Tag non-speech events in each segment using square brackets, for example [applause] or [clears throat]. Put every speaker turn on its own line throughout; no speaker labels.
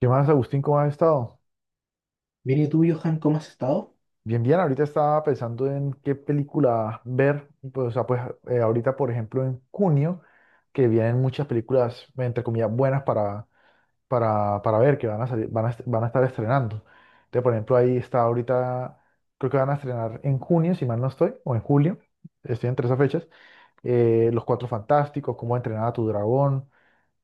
¿Qué más, Agustín? ¿Cómo has estado?
Bien, ¿y tú, Johan, cómo has estado?
Bien, bien. Ahorita estaba pensando en qué película ver. Pues, o sea, pues ahorita, por ejemplo, en junio, que vienen muchas películas, entre comillas, buenas para ver, que van a salir, van a estar estrenando. Entonces, por ejemplo, ahí está ahorita, creo que van a estrenar en junio, si mal no estoy, o en julio, estoy entre esas fechas, Los Cuatro Fantásticos, Cómo entrenar a tu dragón,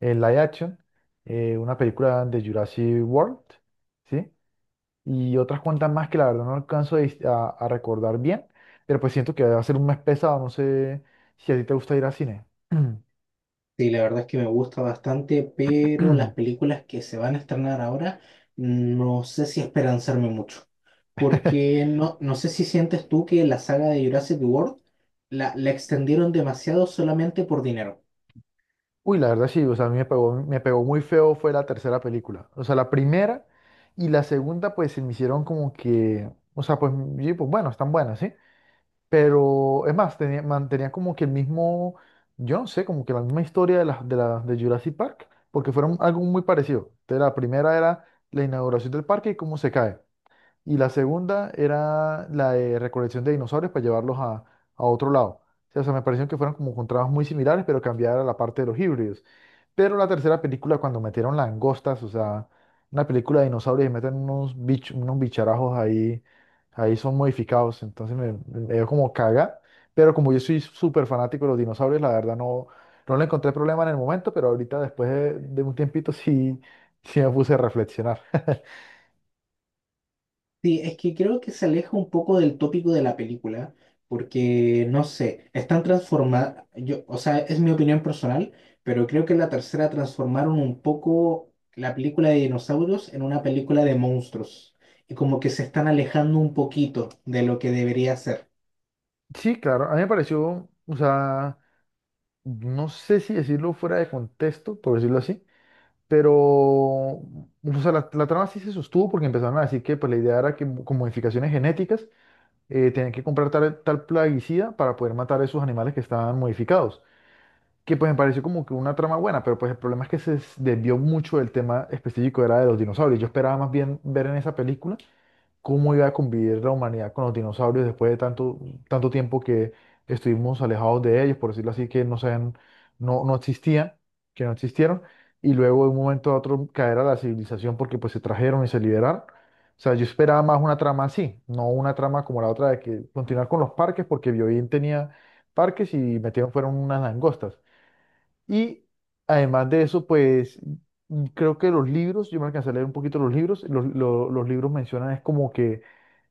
el live action, una película de Jurassic World, ¿sí? Y otras cuantas más que la verdad no alcanzo a recordar bien, pero pues siento que va a ser un mes pesado, no sé si a ti te gusta ir al cine. [clears throat]
Sí, la verdad es que me gusta bastante, pero las películas que se van a estrenar ahora no sé si esperanzarme mucho, porque no, no sé si sientes tú que la saga de Jurassic World la extendieron demasiado solamente por dinero.
Uy, la verdad sí, o sea, a mí me pegó muy feo fue la tercera película, o sea, la primera y la segunda pues se me hicieron como que, o sea, pues, y, pues bueno, están buenas, ¿sí? Pero es más, tenía, mantenía como que el mismo, yo no sé, como que la misma historia de las de, la, de Jurassic Park, porque fueron algo muy parecido. Entonces, la primera era la inauguración del parque y cómo se cae. Y la segunda era la de recolección de dinosaurios para llevarlos a otro lado. O sea, me pareció que fueron como con trabajos muy similares, pero cambiara la parte de los híbridos. Pero la tercera película, cuando metieron langostas, o sea, una película de dinosaurios y meten unos bicharajos ahí son modificados. Entonces me, dio como caga. Pero como yo soy súper fanático de los dinosaurios, la verdad no, no le encontré problema en el momento, pero ahorita después de un tiempito sí, sí me puse a reflexionar.
Sí, es que creo que se aleja un poco del tópico de la película, porque no sé, están transformadas, yo, o sea, es mi opinión personal, pero creo que en la tercera transformaron un poco la película de dinosaurios en una película de monstruos, y como que se están alejando un poquito de lo que debería ser,
Sí, claro, a mí me pareció, o sea, no sé si decirlo fuera de contexto, por decirlo así, pero, o sea, la trama sí se sostuvo porque empezaron a decir que pues, la idea era que con modificaciones genéticas tenían que comprar tal plaguicida para poder matar a esos animales que estaban modificados, que pues me pareció como que una trama buena, pero pues el problema es que se desvió mucho del tema específico, era de los dinosaurios. Yo esperaba más bien ver en esa película cómo iba a convivir la humanidad con los dinosaurios después de tanto, tanto tiempo que estuvimos alejados de ellos, por decirlo así, que no sean, no, no existían, que no existieron, y luego de un momento a otro caer a la civilización porque pues se trajeron y se liberaron. O sea, yo esperaba más una trama así, no una trama como la otra de que continuar con los parques, porque Biobío tenía parques y metieron fueron unas langostas. Y además de eso, pues creo que los libros, yo me alcancé a leer un poquito los libros, los libros mencionan es como que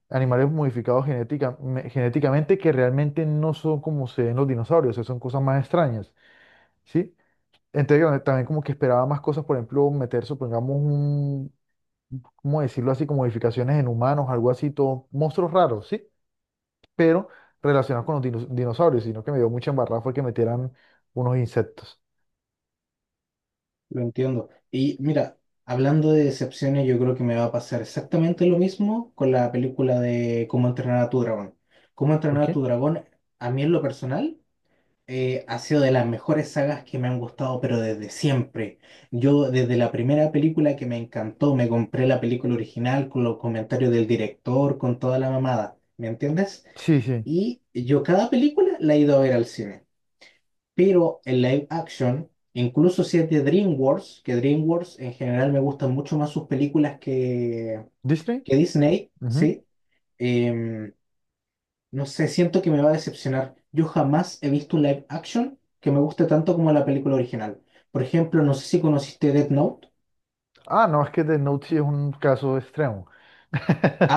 animales modificados genéticamente que realmente no son como se ven los dinosaurios, o sea, son cosas más extrañas, ¿sí? Entonces, yo también como que esperaba más cosas, por ejemplo, meter, supongamos, un, ¿cómo decirlo así? Como modificaciones en humanos, algo así, todo, monstruos raros, ¿sí? Pero relacionados con los dinosaurios, sino que me dio mucha embarrada fue que metieran unos insectos.
lo entiendo. Y mira, hablando de decepciones, yo creo que me va a pasar exactamente lo mismo con la película de Cómo entrenar a tu dragón. Cómo
¿Por
entrenar a tu
qué?
dragón, a mí en lo personal ha sido de las mejores sagas que me han gustado, pero desde siempre. Yo desde la primera película que me encantó, me compré la película original con los comentarios del director, con toda la mamada, ¿me entiendes?
Sí, sí.
Y yo cada película la he ido a ver al cine, pero en live action, incluso si es de DreamWorks, que DreamWorks en general me gustan mucho más sus películas
¿Disney?
que Disney,
Ujú.
¿sí? Em, no sé, siento que me va a decepcionar. Yo jamás he visto un live action que me guste tanto como la película original. Por ejemplo, no sé si conociste Death Note,
Ah, no, es que The Note sí es un caso extremo.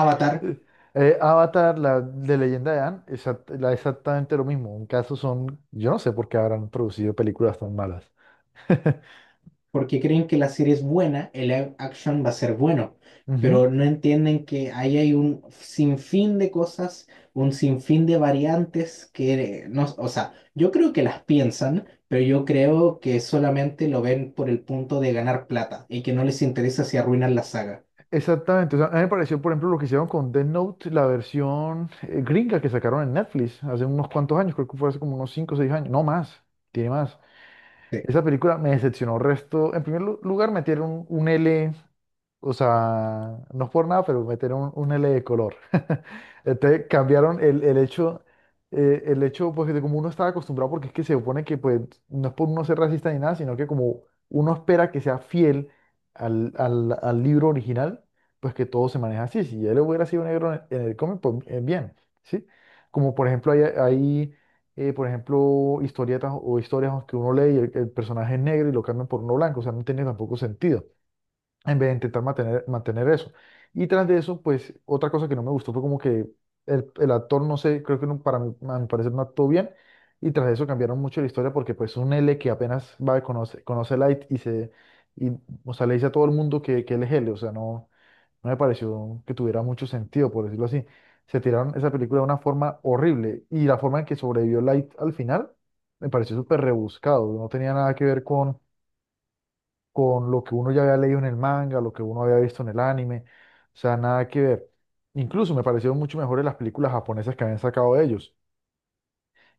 Avatar,
Avatar, la de Leyenda de Ann, exactamente lo mismo. En caso son, yo no sé por qué habrán producido películas tan malas. [laughs]
porque creen que la serie es buena, el live action va a ser bueno,
Ujú.
pero no entienden que ahí hay un sinfín de cosas, un sinfín de variantes que no, o sea, yo creo que las piensan, pero yo creo que solamente lo ven por el punto de ganar plata y que no les interesa si arruinan la saga.
Exactamente. O sea, a mí me pareció, por ejemplo, lo que hicieron con Death Note, la versión gringa que sacaron en Netflix hace unos cuantos años, creo que fue hace como unos 5 o 6 años, no más, tiene más.
Sí,
Esa película me decepcionó resto. En primer lugar, metieron un L, o sea, no es por nada, pero metieron un L de color. [laughs] Entonces cambiaron el hecho, el hecho, pues, de como uno estaba acostumbrado, porque es que se supone que, pues, no es por uno ser racista ni nada, sino que como uno espera que sea fiel al libro original, pues que todo se maneja así. Si él hubiera sido negro en el cómic, pues bien, ¿sí? Como por ejemplo, hay por ejemplo, historietas o historias que uno lee y el personaje es negro y lo cambian por uno blanco, o sea, no tiene tampoco sentido, en vez de intentar mantener eso. Y tras de eso, pues, otra cosa que no me gustó fue como que el actor, no sé, creo que no, para mí, a mi parecer no actuó bien, y tras de eso cambiaron mucho la historia porque, pues, un L que apenas va a conocer, conoce a Light y, o sea, le dice a todo el mundo que, él es L, o sea, no. No me pareció que tuviera mucho sentido, por decirlo así. Se tiraron esa película de una forma horrible y la forma en que sobrevivió Light al final me pareció súper rebuscado. No tenía nada que ver con lo que uno ya había leído en el manga, lo que uno había visto en el anime. O sea, nada que ver. Incluso me parecieron mucho mejores las películas japonesas que habían sacado ellos.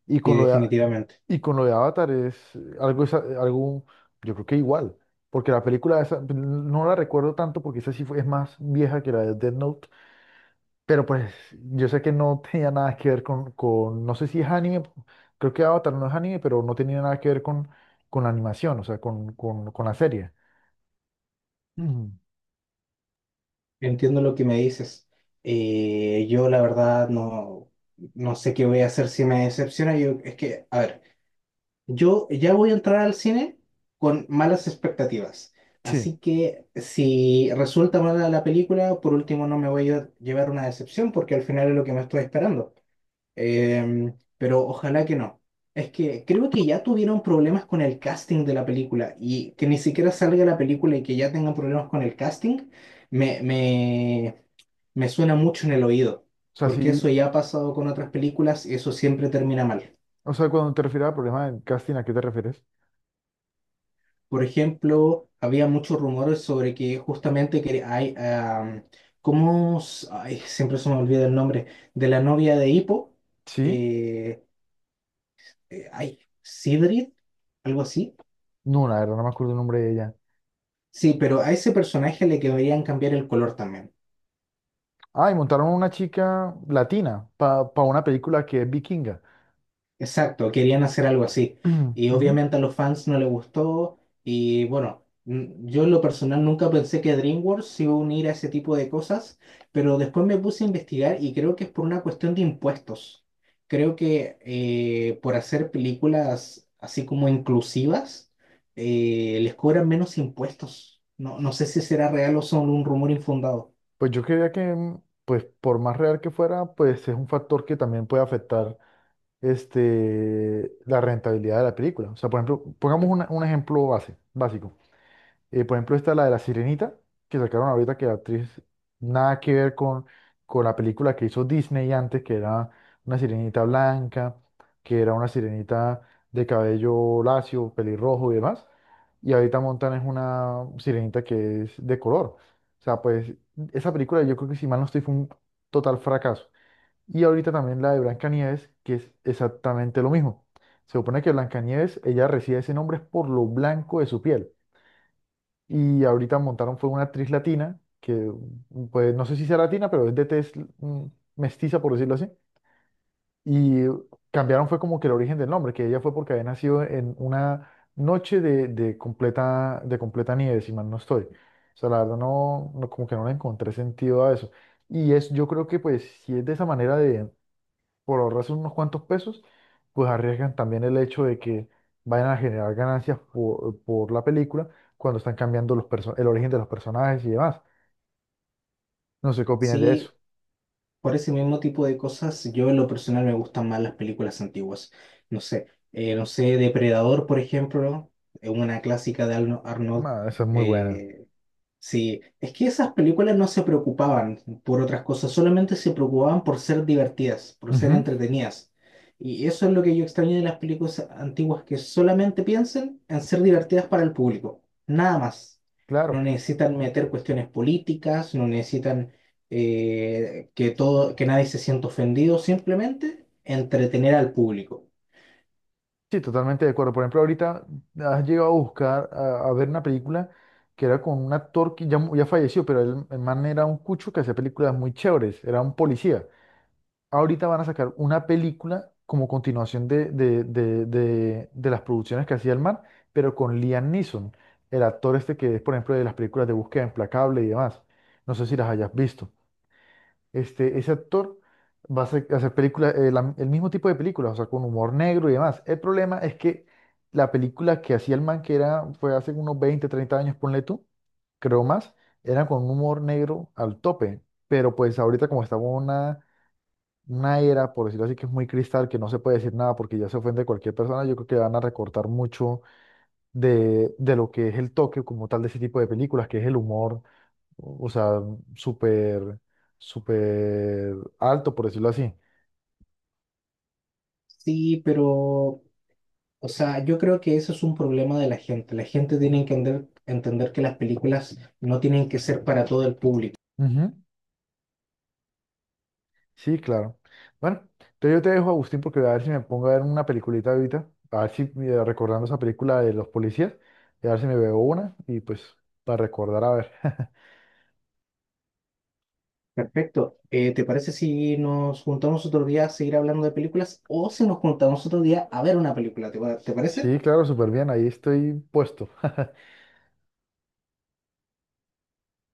Y
sí,
con lo de, A-
definitivamente.
y con lo de Avatar es algo, algo, yo creo que igual. Porque la película esa, no la recuerdo tanto porque esa sí fue, es más vieja que la de Death Note, pero pues yo sé que no tenía nada que ver con, no sé si es anime, creo que Avatar no es anime, pero no tenía nada que ver con la animación, o sea, con la serie. Mm.
Entiendo lo que me dices. Yo la verdad no, no sé qué voy a hacer si me decepciona. Yo, es que, a ver, yo ya voy a entrar al cine con malas expectativas.
Sí.
Así que si resulta mala la película, por último no me voy a llevar una decepción porque al final es lo que me estoy esperando. Pero ojalá que no. Es que creo que ya tuvieron problemas con el casting de la película y que ni siquiera salga la película y que ya tengan problemas con el casting, me, me me suena mucho en el oído,
O sea,
porque
sí,
eso ya ha pasado con otras películas y eso siempre termina mal.
o sea, cuando te refieres al problema del casting, ¿a qué te refieres?
Por ejemplo, había muchos rumores sobre que justamente que hay, ¿cómo? S- ay, siempre se me olvida el nombre, de la novia de Hippo,
Sí,
eh, ay, Sidrid, algo así.
no, la verdad no me acuerdo el nombre de ella.
Sí, pero a ese personaje le querían cambiar el color también.
Ah, y montaron una chica latina para una película que es vikinga.
Exacto, querían hacer algo así.
[clears throat]
Y
Ujú.
obviamente a los fans no les gustó. Y bueno, mm, yo en lo personal nunca pensé que DreamWorks se iba a unir a ese tipo de cosas, pero después me puse a investigar y creo que es por una cuestión de impuestos. Creo que por hacer películas así como inclusivas, les cobran menos impuestos. No, no sé si será real o solo un rumor infundado.
Pues yo creía que, pues por más real que fuera, pues es un factor que también puede afectar este, la rentabilidad de la película. O sea, por ejemplo, pongamos un ejemplo básico. Por ejemplo, está la de La Sirenita, que sacaron ahorita que la actriz nada que ver con la película que hizo Disney antes, que era una sirenita blanca, que era una sirenita de cabello lacio, pelirrojo y demás. Y ahorita montan es una sirenita que es de color. O sea, pues esa película yo creo que si mal no estoy fue un total fracaso. Y ahorita también la de Blancanieves, que es exactamente lo mismo. Se supone que Blancanieves, ella recibe ese nombre es por lo blanco de su piel. Y ahorita montaron fue una actriz latina, que pues no sé si sea latina, pero es de tez mm, mestiza, por decirlo así. Y cambiaron fue como que el origen del nombre, que ella fue porque había nacido en una noche de completa, de completa nieve, si mal no estoy. O sea, la verdad no, no, como que no le encontré sentido a eso. Y es, yo creo que pues si es de esa manera de por ahorrarse unos cuantos pesos, pues arriesgan también el hecho de que vayan a generar ganancias por la película cuando están cambiando el origen de los personajes y demás. No sé qué opinas de eso.
Sí, por ese mismo tipo de cosas, yo en lo personal me gustan más las películas antiguas. No sé, no sé, Depredador, por ejemplo, es una clásica de Arnold.
Ah, esa es muy buena.
eh, Sí, es que esas películas no se preocupaban por otras cosas, solamente se preocupaban por ser divertidas, por ser
Ujú.
entretenidas. Y eso es lo que yo extraño de las películas antiguas, que solamente piensen en ser divertidas para el público, nada más.
Claro,
No necesitan meter cuestiones políticas, no necesitan que todo, que nadie se sienta ofendido, simplemente entretener al público.
sí, totalmente de acuerdo. Por ejemplo, ahorita has llegado a buscar, a ver una película que era con un actor que ya falleció, pero él, el man era un cucho que hacía películas muy chéveres, era un policía. Ahorita van a sacar una película como continuación de las producciones que hacía el man, pero con Liam Neeson, el actor este que es, por ejemplo, de las películas de Búsqueda Implacable y demás. No sé si las hayas visto. Este, ese actor va a hacer películas, el mismo tipo de películas, o sea, con humor negro y demás. El problema es que la película que hacía el man, que era, fue hace unos 20 30 años, ponle tú, creo más, era con un humor negro al tope. Pero pues ahorita como estaba una era, por decirlo así, que es muy cristal, que no se puede decir nada porque ya se ofende cualquier persona, yo creo que van a recortar mucho de lo que es el toque como tal de ese tipo de películas, que es el humor, o sea, súper, súper alto, por decirlo así.
Sí, pero, o sea, yo creo que ese es un problema de la gente. La gente tiene que entender, entender que las películas no tienen que ser para todo el público.
Ujú. Sí, claro. Bueno, entonces yo te dejo, Agustín, porque voy a ver si me pongo a ver una peliculita ahorita, a ver si recordando esa película de los policías, y a ver si me veo una y pues para recordar, a ver. [laughs]
Perfecto. ¿Te parece si nos juntamos otro día a seguir hablando de películas o
Sí,
si nos juntamos otro día a ver una película? ¿Te, te parece?
sí, claro, súper bien, ahí estoy puesto. [laughs]